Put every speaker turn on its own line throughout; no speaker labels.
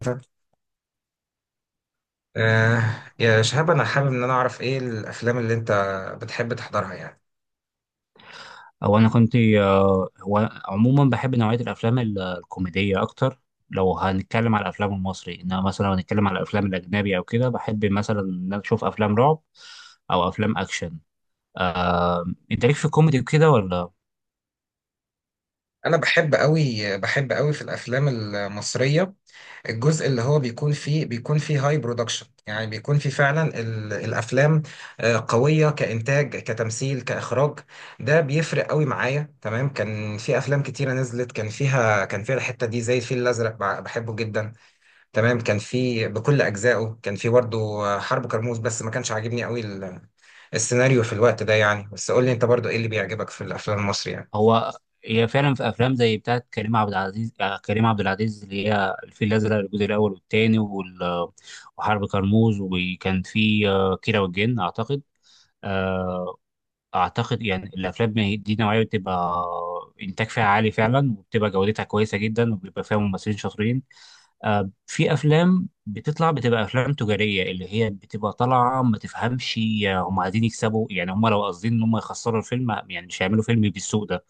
طب آه يا شهاب انا حابب ان انا اعرف ايه الافلام اللي انت بتحب تحضرها يعني.
او انا كنت هو عموما بحب نوعيه الافلام الكوميديه اكتر لو هنتكلم على الافلام المصري، انما مثلا لو هنتكلم على الافلام الاجنبي او كده بحب مثلا ان انا اشوف افلام رعب او افلام اكشن. آه، انت ليك في الكوميدي وكده ولا؟
انا بحب قوي، بحب قوي في الافلام المصريه. الجزء اللي هو بيكون فيه هاي برودكشن، يعني بيكون فيه فعلا الافلام قويه كانتاج كتمثيل كاخراج. ده بيفرق قوي معايا. تمام، كان في افلام كتيره نزلت كان فيها الحته دي، زي الفيل الازرق، بحبه جدا. تمام، كان في بكل اجزائه، كان في برضه حرب كرموز، بس ما كانش عاجبني قوي السيناريو في الوقت ده يعني. بس قول لي انت برضه ايه اللي بيعجبك في الافلام المصري يعني.
هو هي فعلا في افلام زي بتاعت كريم عبد العزيز، كريم عبد العزيز اللي هي الفيل الازرق الجزء الاول والثاني وحرب كرموز، وكان في كيرة والجن اعتقد. آه، اعتقد يعني الافلام دي نوعيه بتبقى انتاج فيها عالي فعلا، وبتبقى جودتها كويسه جدا وبيبقى فيها ممثلين شاطرين. في افلام بتطلع بتبقى افلام تجاريه اللي هي بتبقى طالعه ما تفهمش هم عايزين يكسبوا يعني، هم لو قاصدين ان هم يخسروا الفيلم يعني مش هيعملوا فيلم بالسوء ده.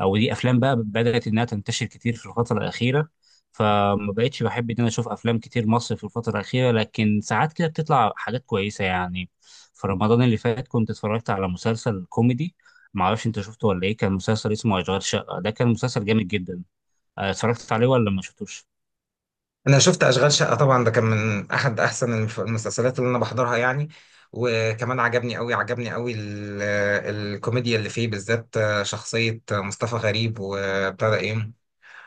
او دي افلام بقى بدات انها تنتشر كتير في الفتره الاخيره، فما بقتش بحب ان انا اشوف افلام كتير مصري في الفتره الاخيره، لكن ساعات كده بتطلع حاجات كويسه يعني. في رمضان اللي فات كنت اتفرجت على مسلسل كوميدي، ما اعرفش انت شفته ولا ايه، كان مسلسل اسمه اشغال شقه، ده كان مسلسل جامد جدا. اتفرجت عليه ولا ما شفتوش؟
انا شفت اشغال شقة طبعا، ده كان من احد احسن المسلسلات اللي انا بحضرها يعني. وكمان عجبني قوي، عجبني قوي الكوميديا اللي فيه بالذات، شخصية مصطفى غريب وابتدى ايه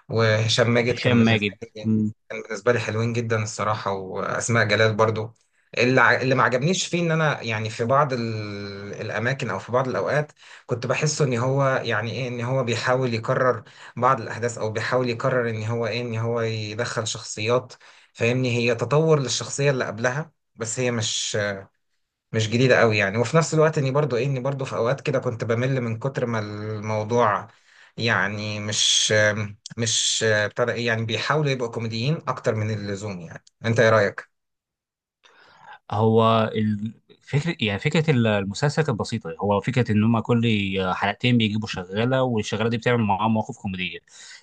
وهشام ماجد
هشام ماجد.
لي كان بالنسبة لي حلوين جدا الصراحة، وأسماء جلال برضو. اللي ما عجبنيش فيه ان انا يعني في بعض الاماكن او في بعض الاوقات، كنت بحسه ان هو يعني ايه، ان هو بيحاول يكرر بعض الاحداث، او بيحاول يكرر ان هو ايه، ان هو يدخل شخصيات فاهمني هي تطور للشخصية اللي قبلها، بس هي مش جديدة قوي يعني. وفي نفس الوقت اني برضو ايه، اني برضو في اوقات كده كنت بمل من كتر ما الموضوع يعني، مش بتاع ده ايه، يعني بيحاولوا يبقوا كوميديين اكتر من اللزوم يعني. انت ايه رأيك؟
هو الفكرة يعني فكرة المسلسل كانت بسيطة، هو فكرة إن هما كل حلقتين بيجيبوا شغالة والشغالة دي بتعمل معاهم مواقف كوميدية.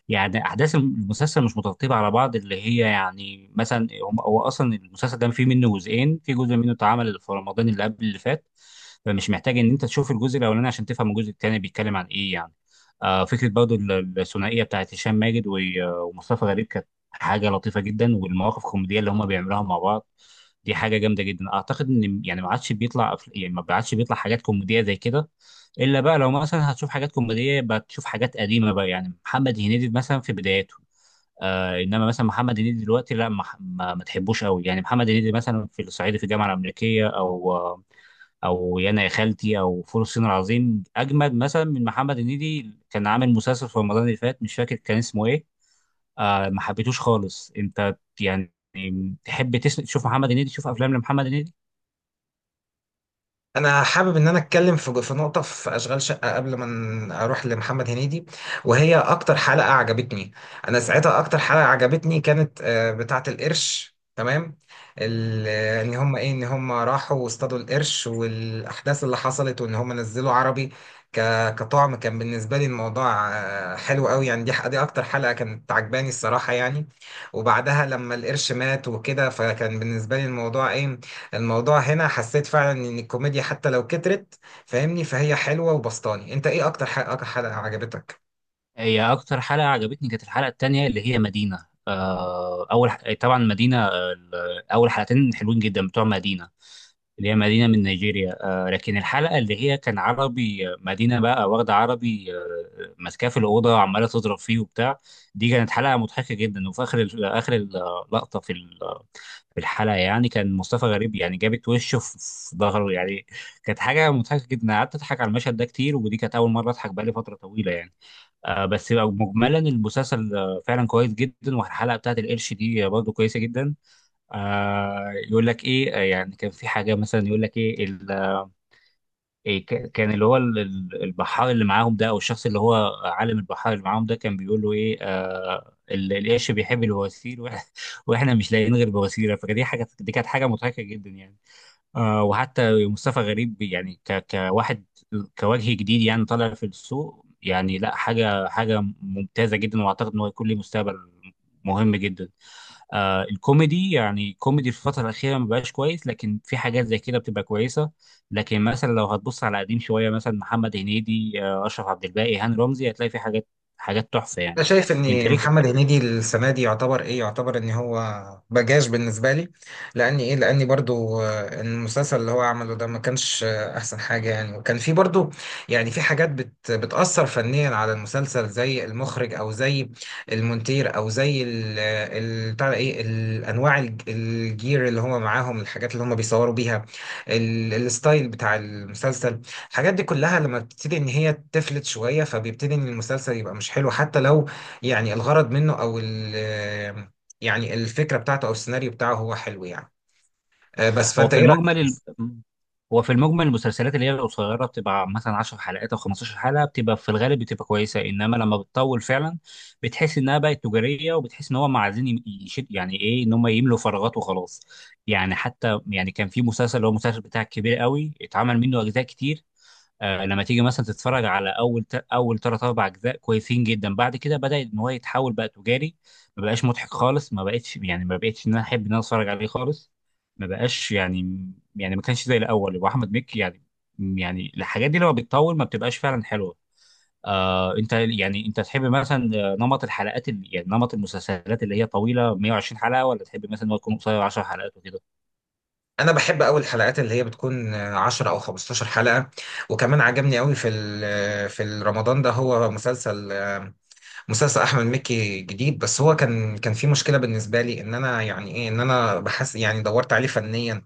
يعني أحداث المسلسل مش مترتبة على بعض اللي هي يعني مثلا هو أصلا المسلسل ده فيه منه جزئين، في جزء منه اتعمل في رمضان اللي قبل اللي فات، فمش محتاج إن أنت تشوف الجزء الأولاني عشان تفهم الجزء التاني بيتكلم عن إيه يعني. آه فكرة برضو الثنائية بتاعت هشام ماجد ومصطفى غريب كانت حاجة لطيفة جدا، والمواقف الكوميدية اللي هما بيعملوها مع بعض دي حاجه جامده جدا. اعتقد ان يعني ما عادش بيطلع يعني ما عادش بيطلع حاجات كوميديه زي كده، الا بقى لو مثلا هتشوف حاجات كوميديه بقى تشوف حاجات قديمه بقى، يعني محمد هنيدي مثلا في بداياته. آه انما مثلا محمد هنيدي دلوقتي لا، ما تحبوش قوي يعني. محمد هنيدي مثلا في الصعيدي في الجامعه الامريكيه، او او يانا يا خالتي، او فول الصين العظيم اجمد مثلا من محمد هنيدي كان عامل مسلسل في رمضان اللي فات مش فاكر كان اسمه ايه. آه ما حبيتوش خالص. انت يعني تحب تسمع تشوف محمد هنيدي، تشوف افلام لمحمد هنيدي؟
انا حابب ان انا اتكلم في نقطه في اشغال شقه قبل ما اروح لمحمد هنيدي. وهي اكتر حلقه عجبتني انا ساعتها، اكتر حلقه عجبتني كانت بتاعه القرش. تمام، ان هم ايه، ان هم راحوا واصطادوا القرش والاحداث اللي حصلت وان هم نزلوا عربي كطعم. كان بالنسبه لي الموضوع حلو قوي يعني، دي دي اكتر حلقه كانت عجباني الصراحه يعني. وبعدها لما القرش مات وكده، فكان بالنسبه لي الموضوع ايه، الموضوع هنا حسيت فعلا ان الكوميديا حتى لو كترت فاهمني، فهي حلوة وبسطاني. انت ايه اكتر حلقة، عجبتك؟
هي اكتر حلقه عجبتني كانت الحلقه التانية اللي هي مدينه، آه اول طبعا مدينه، اول حلقتين حلوين جدا بتوع مدينه، اللي هي مدينه من نيجيريا. آه لكن الحلقه اللي هي كان عربي، مدينه بقى واخده عربي آه ماسكاه في الاوضه وعماله تضرب فيه وبتاع، دي كانت حلقه مضحكه جدا. وفي اخر اخر اللقطه في ال... آه، في الحلقه يعني كان مصطفى غريب يعني جابت وشه في ظهره يعني، كانت حاجه مضحكه جدا قعدت اضحك على المشهد ده كتير، ودي كانت اول مره اضحك بقالي فتره طويله يعني. آه بس بقى مجملا المسلسل فعلا كويس جدا، والحلقه بتاعت القرش دي برضه كويسه جدا. آه يقول لك ايه، يعني كان في حاجه مثلا يقول لك ايه، إيه كان اللي هو البحار اللي معاهم ده، او الشخص اللي هو عالم البحار اللي معاهم ده كان بيقول له ايه آه القرش بيحب البواسير واحنا مش لاقيين غير بواسير، فدي حاجه دي كانت حاجه مضحكه جدا يعني. آه وحتى مصطفى غريب يعني كواحد كوجه جديد يعني طالع في السوق يعني، لا حاجه حاجه ممتازه جدا، واعتقد ان هو يكون له مستقبل مهم جدا. آه الكوميدي يعني كوميدي في الفترة الأخيرة ما بقاش كويس، لكن في حاجات زي كده بتبقى كويسة. لكن مثلا لو هتبص على قديم شوية مثلا محمد هنيدي، آه أشرف عبد الباقي، هاني رمزي، هتلاقي في حاجات حاجات تحفة يعني.
انا شايف
أنت
ان
ليك.
محمد هنيدي السنه دي يعتبر ايه، يعتبر ان هو بجاش بالنسبه لي، لان ايه، لاني برضو المسلسل اللي هو عمله ده ما كانش احسن حاجه يعني، وكان في برضو يعني في حاجات بت بتاثر فنيا على المسلسل، زي المخرج او زي المونتير او زي بتاع ده ايه الانواع الجير اللي هم معاهم، الحاجات اللي هم بيصوروا بيها، الستايل بتاع المسلسل. الحاجات دي كلها لما بتبتدي ان هي تفلت شويه، فبيبتدي ان المسلسل يبقى مش حلو، حتى لو يعني الغرض منه او ال يعني الفكره بتاعته او السيناريو بتاعه هو حلو يعني. بس
هو
فانت
في
ايه رايك؟
المجمل، هو في المجمل المسلسلات اللي هي القصيره بتبقى مثلا 10 حلقات او 15 حلقه بتبقى في الغالب بتبقى كويسه، انما لما بتطول فعلا بتحس انها بقت تجاريه، وبتحس ان هم عايزين يشد يعني ايه ان هم يملوا فراغات وخلاص. يعني حتى يعني كان في مسلسل اللي هو المسلسل بتاع الكبير قوي اتعمل منه اجزاء كتير، لما تيجي مثلا تتفرج على اول ثلاث اربع اجزاء كويسين جدا، بعد كده بدا ان هو يتحول بقى تجاري، ما بقاش مضحك خالص، ما بقتش يعني ما بقتش ان انا احب ان انا اتفرج عليه خالص، ما بقاش يعني، يعني ما كانش زي الاول. واحمد مكي يعني، يعني الحاجات دي لما بتطول ما بتبقاش فعلا حلوه. آه انت يعني انت تحب مثلا نمط الحلقات اللي يعني نمط المسلسلات اللي هي طويله 120 حلقه، ولا تحب مثلا إن هو يكون قصير 10 حلقات وكده؟
انا بحب قوي الحلقات اللي هي بتكون 10 او 15 حلقه. وكمان عجبني قوي في رمضان ده هو مسلسل مسلسل احمد مكي جديد، بس هو كان في مشكله بالنسبه لي ان انا يعني ايه، ان انا بحس يعني دورت عليه فنيا.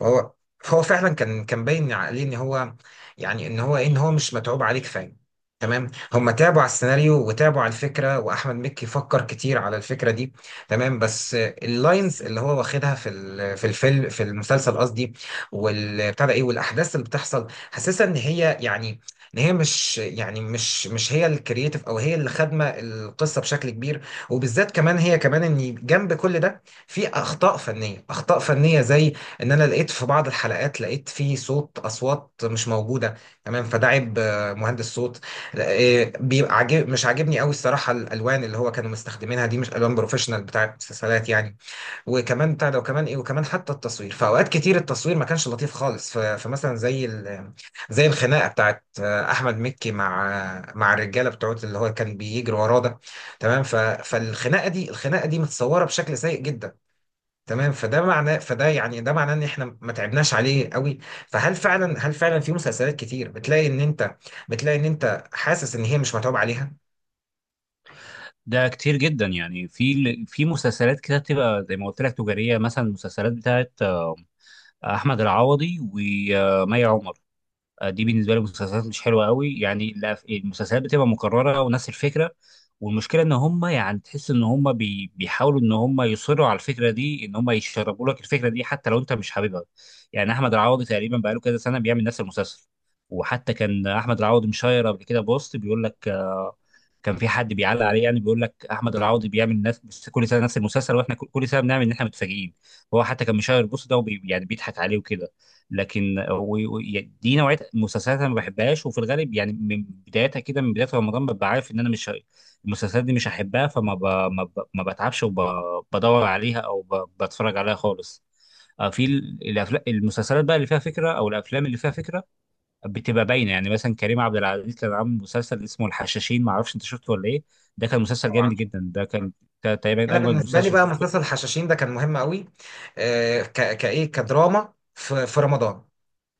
فهو فهو فعلا كان باين عليه ان هو يعني ان هو إيه، ان هو مش متعوب عليه كفايه. تمام، هم تعبوا على السيناريو وتعبوا على الفكره، واحمد مكي فكر كتير على الفكره دي. تمام، بس اللاينز اللي هو واخدها في الفيلم، في المسلسل قصدي، والبتاع ده ايه، والاحداث اللي بتحصل حاسسها ان هي يعني ان هي مش يعني مش هي الكرييتيف، او هي اللي خادمه القصه بشكل كبير. وبالذات كمان هي كمان ان جنب كل ده في اخطاء فنيه، اخطاء فنيه زي ان انا لقيت في بعض الحلقات، لقيت في صوت، اصوات مش موجوده. تمام، فده عيب مهندس صوت. بيبقى عاجب، مش عاجبني قوي الصراحه الالوان اللي هو كانوا مستخدمينها دي، مش الوان بروفيشنال بتاع المسلسلات يعني. وكمان بتاع ده، وكمان ايه، وكمان حتى التصوير فاوقات كتير التصوير ما كانش لطيف خالص. فمثلا زي زي الخناقه بتاعت احمد مكي مع مع الرجاله بتوعت اللي هو كان بيجري وراه ده. تمام، فالخناقه دي، الخناقه دي متصوره بشكل سيء جدا. تمام، فده معناه، فده يعني ده معناه ان احنا ما تعبناش عليه قوي. فهل فعلا، هل فعلا في مسلسلات كتير بتلاقي ان انت، حاسس ان هي مش متعوب عليها؟
ده كتير جدا يعني. في مسلسلات كده بتبقى زي ما قلت لك تجاريه، مثلا المسلسلات بتاعت احمد العوضي ومي عمر، دي بالنسبه لي مسلسلات مش حلوه قوي يعني. المسلسلات بتبقى مكرره ونفس الفكره، والمشكله ان هم يعني تحس ان هم بيحاولوا ان هم يصروا على الفكره دي، ان هم يشربوا لك الفكره دي حتى لو انت مش حاببها. يعني احمد العوضي تقريبا بقاله كذا سنه بيعمل نفس المسلسل، وحتى كان احمد العوضي مشاير قبل كده بوست بيقول لك، كان في حد بيعلق عليه يعني بيقول لك احمد العوضي بيعمل نفس بس كل سنه نفس المسلسل، واحنا كل سنه بنعمل ان احنا متفاجئين. هو حتى كان مشاهير البوس ده يعني بيضحك عليه وكده. لكن دي نوعيه مسلسلات انا ما بحبهاش، وفي الغالب يعني من بدايتها كده من بدايه رمضان ببقى عارف ان انا مش ه- المسلسلات دي مش هحبها، فما ب... ما, ب... ما بتعبش وبدور عليها بتفرج عليها خالص. في الافلام المسلسلات بقى اللي فيها فكره، او الافلام اللي فيها فكره بتبقى باينه يعني. مثلا كريم عبد العزيز كان عامل مسلسل اسمه الحشاشين، ما اعرفش انت شفته ولا ايه، ده كان مسلسل
طبعا.
جامد جدا، ده كان كان تقريبا
انا
اجمد
بالنسبه لي
مسلسل
بقى
شفته.
مسلسل الحشاشين ده كان مهم قوي، آه كايه، كدراما في رمضان،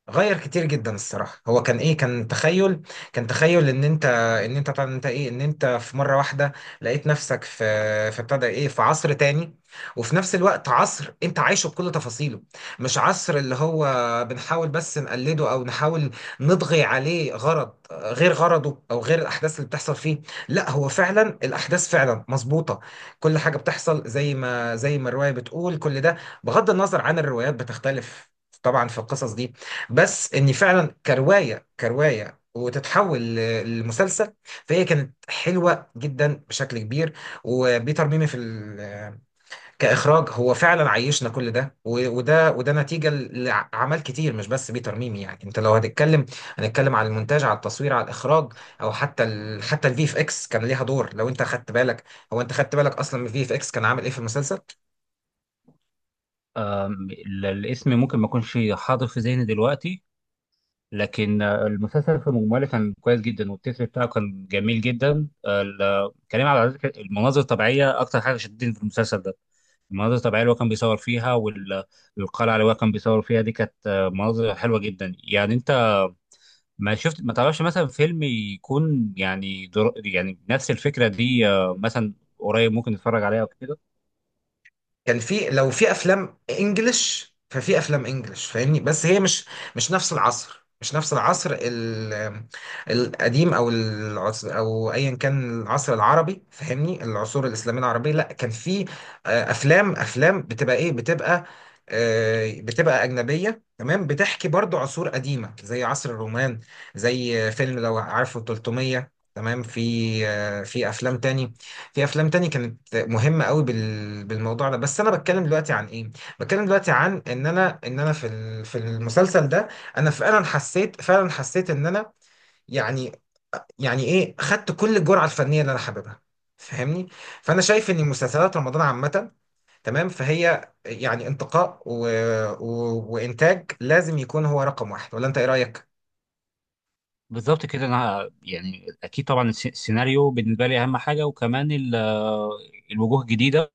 غير كتير جدا الصراحه. هو كان ايه، كان تخيل، ان انت، طبعا انت ايه ان انت في مره واحده لقيت نفسك في، في ابتدى ايه في عصر تاني. وفي نفس الوقت عصر انت عايشه بكل تفاصيله، مش عصر اللي هو بنحاول بس نقلده او نحاول نطغي عليه غرض غير غرضه او غير الاحداث اللي بتحصل فيه. لا، هو فعلا الاحداث فعلا مظبوطه، كل حاجه بتحصل زي ما الروايه بتقول. كل ده بغض النظر عن الروايات بتختلف طبعا في القصص دي، بس اني فعلا كروايه، كروايه وتتحول لمسلسل، فهي كانت حلوه جدا بشكل كبير. وبيتر ميمي كاخراج هو فعلا عيشنا كل ده. وده، وده نتيجه لعمل كتير، مش بس بيتر ميمي يعني. انت لو هتتكلم، هنتكلم على المونتاج، على التصوير، على الاخراج، او حتى حتى الفي اف اكس كان ليها دور لو انت خدت بالك. هو انت خدت بالك اصلا من الفي اف اكس كان عامل ايه في المسلسل؟
أم، الاسم ممكن ما يكونش حاضر في ذهني دلوقتي، لكن المسلسل في مجمله كان كويس جدا، والتتر بتاعه كان جميل جدا، كريم عبد العزيز المناظر الطبيعيه اكتر حاجه شدتني في المسلسل ده، المناظر الطبيعيه اللي هو كان بيصور فيها والقلعه اللي هو كان بيصور فيها دي كانت مناظر حلوه جدا يعني. انت ما شفت ما تعرفش مثلا فيلم يكون يعني يعني نفس الفكرة دي، مثلا قريب ممكن نتفرج عليها او كده؟
كان في لو في افلام انجلش، فاهمني، بس هي مش نفس العصر القديم، او العصر او ايا كان العصر العربي فاهمني، العصور الاسلاميه العربيه. لا كان في افلام بتبقى ايه، بتبقى بتبقى أجنبية، تمام، بتحكي برضو عصور قديمة زي عصر الرومان، زي فيلم لو عارفه 300. تمام، في في أفلام تاني، في افلام تاني كانت مهمه قوي بالموضوع ده. بس انا بتكلم دلوقتي عن ايه، بتكلم دلوقتي عن ان انا، في في المسلسل ده انا فعلا حسيت، ان انا يعني، ايه خدت كل الجرعه الفنيه اللي انا حاببها فاهمني. فانا شايف ان مسلسلات رمضان عامه، تمام، فهي يعني انتقاء و... و... وانتاج لازم يكون هو رقم واحد. ولا انت ايه رايك؟
بالظبط كده. انا يعني اكيد طبعا السيناريو بالنسبة لي اهم حاجة، وكمان الوجوه الجديدة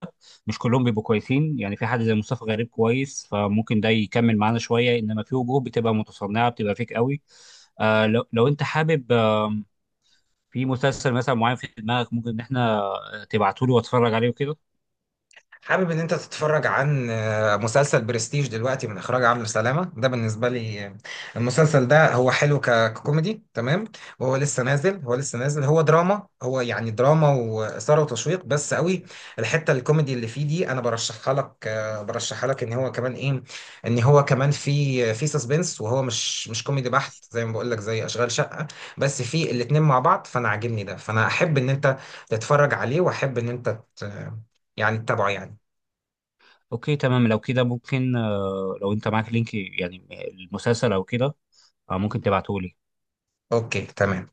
مش كلهم بيبقوا كويسين يعني، في حد زي مصطفى غريب كويس فممكن ده يكمل معانا شوية، انما في وجوه بتبقى متصنعة بتبقى فيك قوي. آه لو انت حابب آه في مسلسل مثلا معين في دماغك، ممكن ان احنا تبعته لي واتفرج عليه وكده.
حابب ان انت تتفرج عن مسلسل برستيج دلوقتي من اخراج عمرو سلامه، ده بالنسبه لي المسلسل ده هو حلو ككوميدي. تمام، وهو لسه نازل، هو دراما، هو يعني دراما واثاره وتشويق بس قوي. الحته الكوميدي اللي فيه دي انا برشحها لك، ان هو كمان ايه، ان هو كمان في سسبنس، وهو مش كوميدي بحت زي ما بقول لك زي اشغال شقه، بس في الاتنين مع بعض فانا عاجبني ده. فانا احب ان انت تتفرج عليه، واحب يعني تتابعه يعني.
اوكي تمام، لو كده ممكن لو انت معاك لينك يعني المسلسل او كده، ممكن تبعته لي.
اوكي تمام.